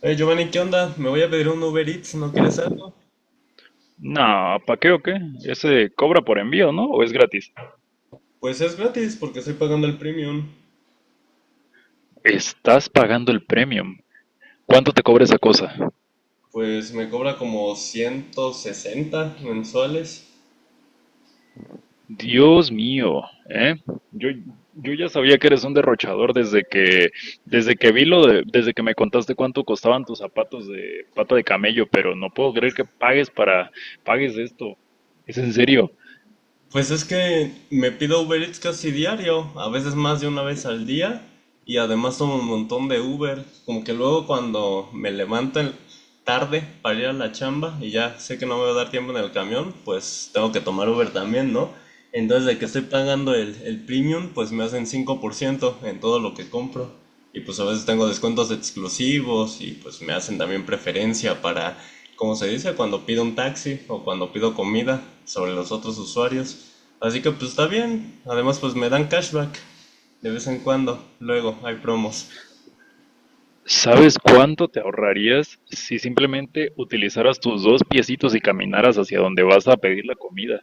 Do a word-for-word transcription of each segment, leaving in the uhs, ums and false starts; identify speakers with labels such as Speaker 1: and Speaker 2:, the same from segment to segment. Speaker 1: Hey Giovanni, ¿qué onda? Me voy a pedir un Uber Eats, ¿no quieres algo?
Speaker 2: No, ¿pa' qué o qué? Ese cobra por envío, ¿no? ¿O es gratis?
Speaker 1: Pues es gratis porque estoy pagando el premium.
Speaker 2: Estás pagando el premium. ¿Cuánto te cobra esa cosa?
Speaker 1: Pues me cobra como ciento sesenta mensuales.
Speaker 2: Dios mío, ¿eh? Yo, yo ya sabía que eres un derrochador desde que, desde que vi lo de, desde que me contaste cuánto costaban tus zapatos de pata de camello, pero no puedo creer que pagues para, pagues esto. ¿Es en serio?
Speaker 1: Pues es que me pido Uber Eats casi diario, a veces más de una vez al día, y además tomo un montón de Uber, como que luego cuando me levanto en- tarde para ir a la chamba y ya sé que no me va a dar tiempo en el camión, pues tengo que tomar Uber también, ¿no? Entonces de que estoy pagando el, el premium, pues me hacen cinco por ciento en todo lo que compro. Y pues a veces tengo descuentos exclusivos y pues me hacen también preferencia para como se dice, cuando pido un taxi o cuando pido comida sobre los otros usuarios. Así que pues está bien. Además pues me dan cashback de vez en cuando. Luego hay promos.
Speaker 2: ¿Sabes cuánto te ahorrarías si simplemente utilizaras tus dos piecitos y caminaras hacia donde vas a pedir la comida?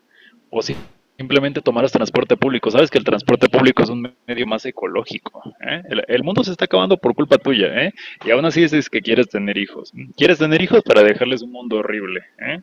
Speaker 2: O si simplemente tomaras transporte público. Sabes que el transporte público es un medio más ecológico, ¿eh? El, el mundo se está acabando por culpa tuya, ¿eh? Y aún así dices que quieres tener hijos. ¿Quieres tener hijos para dejarles un mundo horrible? ¿Eh?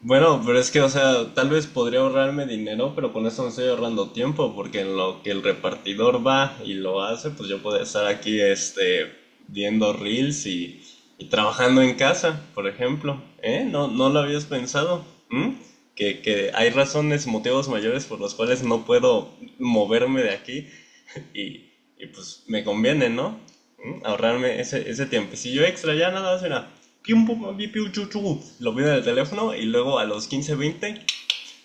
Speaker 1: Bueno, pero es que, o sea, tal vez podría ahorrarme dinero, pero con eso me estoy ahorrando tiempo, porque en lo que el repartidor va y lo hace, pues yo puedo estar aquí, este, viendo reels y, y trabajando en casa, por ejemplo. ¿Eh? No, no lo habías pensado. ¿Mm? Que, que hay razones, motivos mayores por los cuales no puedo moverme de aquí. Y, y pues me conviene, ¿no? ¿Mm? Ahorrarme ese, ese tiempecillo extra, ya nada más era. Pium, pum, pum, piu, chu, chu. Lo pido en el teléfono y luego a los quince veinte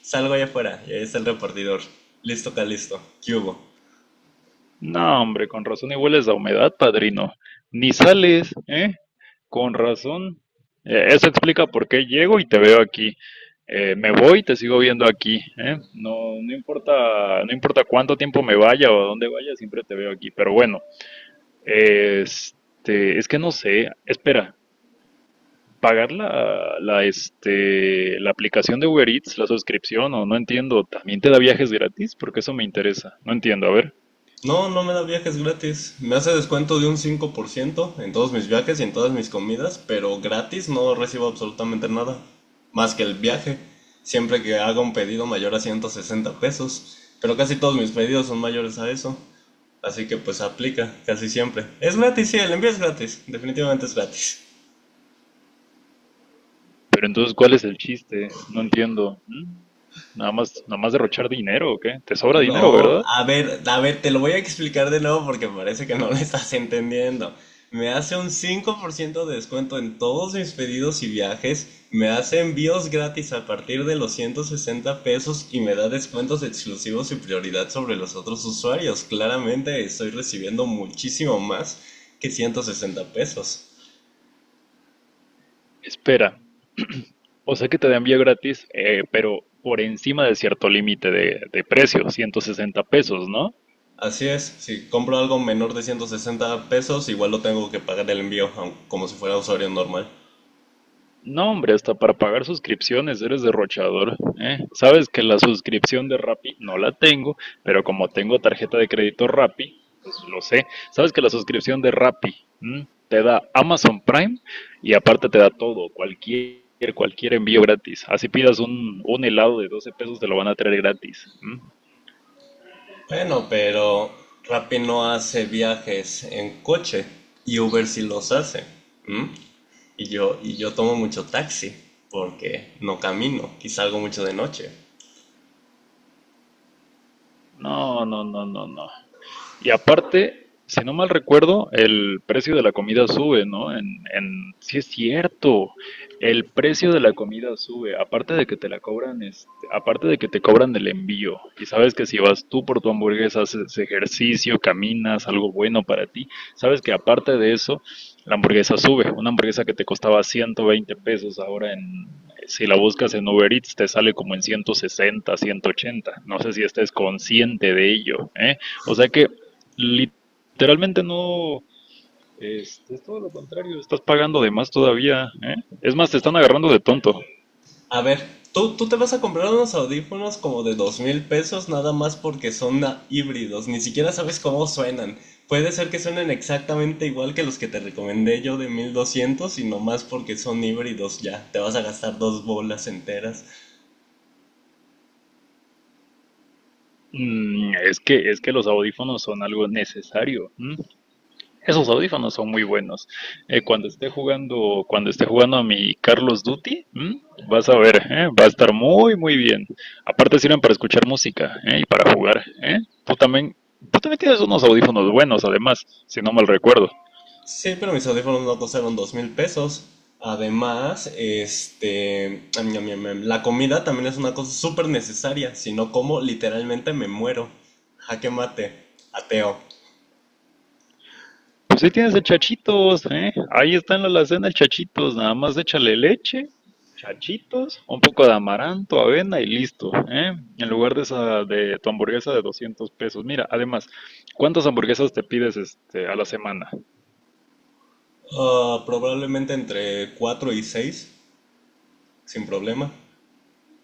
Speaker 1: salgo allá afuera y ahí está el repartidor. Listo, acá listo. ¿Qué hubo?
Speaker 2: No, hombre, con razón y hueles a humedad, padrino. Ni sales, ¿eh? Con razón. Eh, eso explica por qué llego y te veo aquí. Eh, me voy y te sigo viendo aquí, ¿eh? No, no importa, no importa cuánto tiempo me vaya o a dónde vaya, siempre te veo aquí. Pero bueno, este, es que no sé. Espera, pagar la, la, este, la aplicación de Uber Eats, la suscripción, o no entiendo. ¿También te da viajes gratis? Porque eso me interesa. No entiendo, a ver.
Speaker 1: No, no me da viajes gratis. Me hace descuento de un cinco por ciento en todos mis viajes y en todas mis comidas, pero gratis no recibo absolutamente nada. Más que el viaje. Siempre que haga un pedido mayor a ciento sesenta pesos. Pero casi todos mis pedidos son mayores a eso. Así que pues aplica casi siempre. Es gratis, sí, el envío es gratis. Definitivamente es gratis.
Speaker 2: Pero entonces, ¿cuál es el chiste? No entiendo. ¿Mm? Nada más, nada más derrochar dinero, ¿o qué? ¿Te sobra dinero,
Speaker 1: No,
Speaker 2: verdad?
Speaker 1: a ver, a ver, te lo voy a explicar de nuevo porque parece que no lo estás entendiendo. Me hace un cinco por ciento de descuento en todos mis pedidos y viajes. Me hace envíos gratis a partir de los ciento sesenta pesos y me da descuentos exclusivos y prioridad sobre los otros usuarios. Claramente estoy recibiendo muchísimo más que ciento sesenta pesos.
Speaker 2: Espera, o sea que te dan envío gratis, eh, pero por encima de cierto límite de, de precio, ciento sesenta pesos, ¿no?
Speaker 1: Así es, si compro algo menor de ciento sesenta pesos, igual lo tengo que pagar el envío, aun- como si fuera usuario normal.
Speaker 2: No, hombre, hasta para pagar suscripciones eres derrochador, ¿eh? Sabes que la suscripción de Rappi no la tengo, pero como tengo tarjeta de crédito Rappi, pues lo sé. Sabes que la suscripción de Rappi, ¿m?, te da Amazon Prime y aparte te da todo, cualquier, cualquier envío gratis. Así pidas un, un helado de doce pesos, te lo van a traer gratis. ¿M?
Speaker 1: Bueno, pero Rappi no hace viajes en coche y Uber sí los hace. ¿M? Y yo, y yo tomo mucho taxi porque no camino, quizá algo mucho de noche.
Speaker 2: No, no, no, no, no. Y aparte, si no mal recuerdo, el precio de la comida sube, ¿no? En, en, sí es cierto, el precio de la comida sube, aparte de que te la cobran, este, aparte de que te cobran el envío, y sabes que si vas tú por tu hamburguesa, haces ejercicio, caminas, algo bueno para ti, sabes que aparte de eso, la hamburguesa sube, una hamburguesa que te costaba ciento veinte pesos, ahora en, si la buscas en Uber Eats, te sale como en ciento sesenta, ciento ochenta, no sé si estés consciente de ello, ¿eh? O sea que literalmente no, es, es todo lo contrario, estás pagando de más todavía, ¿eh? Es más, te están agarrando de tonto.
Speaker 1: A ver, tú, tú te vas a comprar unos audífonos como de dos mil pesos nada más porque son na- híbridos, ni siquiera sabes cómo suenan. Puede ser que suenen exactamente igual que los que te recomendé yo de mil doscientos y nomás porque son híbridos ya, te vas a gastar dos bolas enteras.
Speaker 2: Mm, es que, es que los audífonos son algo necesario. ¿M? Esos audífonos son muy buenos. Eh, cuando esté jugando, cuando esté jugando a mi Carlos Duty, ¿m?, vas a ver, ¿eh?, va a estar muy, muy bien. Aparte sirven para escuchar música, ¿eh?, y para jugar, ¿eh? Tú también, tú también tienes unos audífonos buenos, además, si no mal recuerdo.
Speaker 1: Sí, pero mis audífonos no costaron dos mil pesos. Además, este, am, am, am, am, la comida también es una cosa súper necesaria, si no como literalmente me muero. Jaque mate, ateo.
Speaker 2: Pues ahí tienes el Chachitos, ¿eh? Ahí está en la alacena el Chachitos, nada más échale leche, Chachitos, un poco de amaranto, avena y listo, ¿eh? En lugar de esa de tu hamburguesa de doscientos pesos. Mira, además, ¿cuántas hamburguesas te pides este a la semana?
Speaker 1: Ah, probablemente entre cuatro y seis sin problema.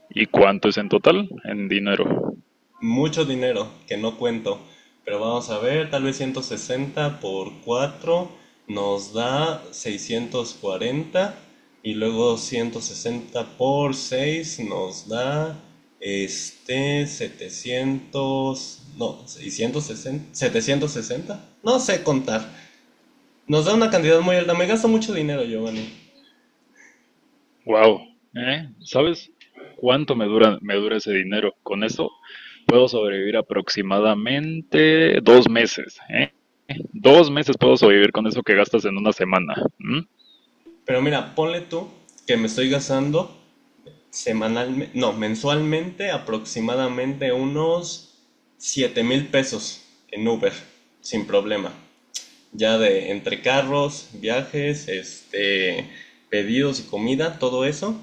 Speaker 2: ¿Y cuánto es en total en dinero?
Speaker 1: Mucho dinero que no cuento, pero vamos a ver, tal vez ciento sesenta por cuatro nos da seiscientos cuarenta y luego ciento sesenta por seis nos da este setecientos no, seiscientos sesenta setecientos sesenta. No sé contar. Nos da una cantidad muy alta. Me gasto mucho dinero, Giovanni.
Speaker 2: Wow, ¿eh? ¿Sabes cuánto me dura me dura ese dinero? Con eso puedo sobrevivir aproximadamente dos meses, ¿eh? Dos meses puedo sobrevivir con eso que gastas en una semana. ¿M?
Speaker 1: Pero mira, ponle tú que me estoy gastando semanalmente, no, mensualmente aproximadamente unos siete mil pesos en Uber, sin problema. Ya de entre carros, viajes, este, pedidos y comida, todo eso.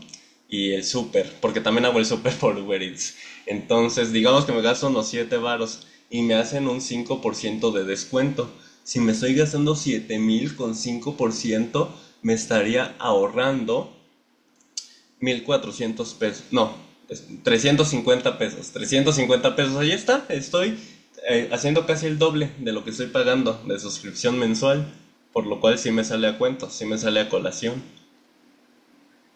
Speaker 1: Y el súper, porque también hago el súper por Uber Eats. Entonces, digamos que me gasto unos siete varos y me hacen un cinco por ciento de descuento. Si me estoy gastando siete mil con cinco por ciento me estaría ahorrando mil cuatrocientos pesos. No, es trescientos cincuenta pesos. Trescientos cincuenta pesos, ahí está. Estoy eh, haciendo casi el doble de lo que estoy pagando de suscripción mensual. Por lo cual sí me sale a cuento, sí me sale a colación.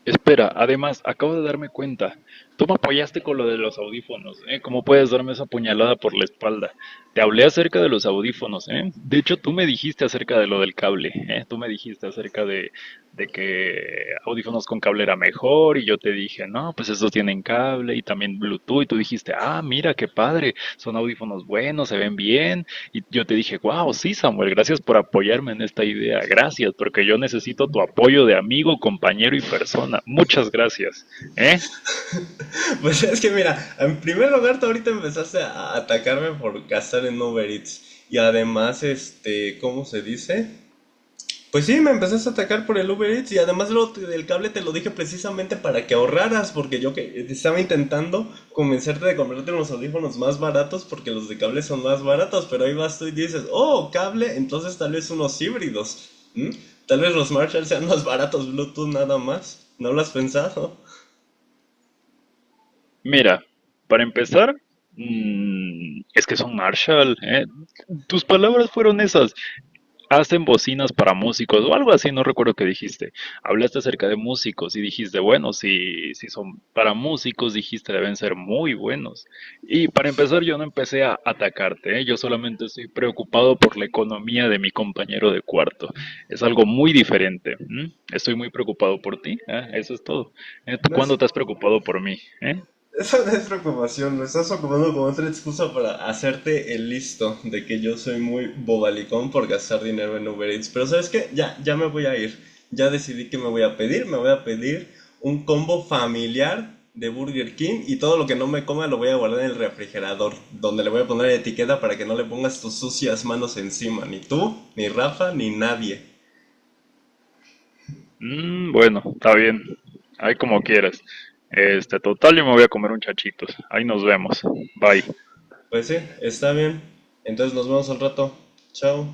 Speaker 2: Espera, además, acabo de darme cuenta. Tú me apoyaste con lo de los audífonos, ¿eh? ¿Cómo puedes darme esa puñalada por la espalda? Te hablé acerca de los audífonos, ¿eh? De hecho, tú me dijiste acerca de lo del cable, ¿eh? Tú me dijiste acerca de, de que audífonos con cable era mejor y yo te dije, no, pues estos tienen cable y también Bluetooth, y tú dijiste, ah, mira, qué padre, son audífonos buenos, se ven bien, y yo te dije, wow, sí, Samuel, gracias por apoyarme en esta idea. Gracias, porque yo necesito tu apoyo de amigo, compañero y persona. Muchas gracias. ¿Eh?
Speaker 1: Pues es que mira, en primer lugar tú ahorita empezaste a atacarme por gastar en Uber Eats. Y además, este, ¿cómo se dice? Pues sí, me empezaste a atacar por el Uber Eats y además lo, del cable te lo dije precisamente para que ahorraras, porque yo que estaba intentando convencerte de comprarte unos audífonos más baratos porque los de cable son más baratos, pero ahí vas tú y dices, oh, cable, entonces tal vez unos híbridos. ¿M? Tal vez los Marshall sean más baratos, Bluetooth nada más. ¿No lo has pensado?
Speaker 2: Mira, para empezar, mm, es que son Marshall, ¿eh? Tus palabras fueron esas. Hacen bocinas para músicos o algo así, no recuerdo qué dijiste. Hablaste acerca de músicos y dijiste, bueno, si, si son para músicos, dijiste, deben ser muy buenos. Y para empezar, yo no empecé a atacarte, ¿eh? Yo solamente estoy preocupado por la economía de mi compañero de cuarto. Es algo muy diferente. ¿M? Estoy muy preocupado por ti, ¿eh? Eso es todo. ¿Eh? ¿Tú
Speaker 1: No es,
Speaker 2: cuándo te has preocupado por mí? ¿Eh?
Speaker 1: Esa no es preocupación, lo estás ocupando como otra excusa para hacerte el listo de que yo soy muy bobalicón por gastar dinero en Uber Eats. Pero ¿sabes qué? Ya, ya me voy a ir. Ya decidí que me voy a pedir. Me voy a pedir un combo familiar de Burger King y todo lo que no me coma lo voy a guardar en el refrigerador, donde le voy a poner etiqueta para que no le pongas tus sucias manos encima. Ni tú, ni Rafa, ni nadie.
Speaker 2: Mm, bueno, está bien. Ahí como quieras. Este, total, yo me voy a comer un chachitos. Ahí nos vemos. Bye.
Speaker 1: Pues sí, está bien. Entonces nos vemos al rato. Chao.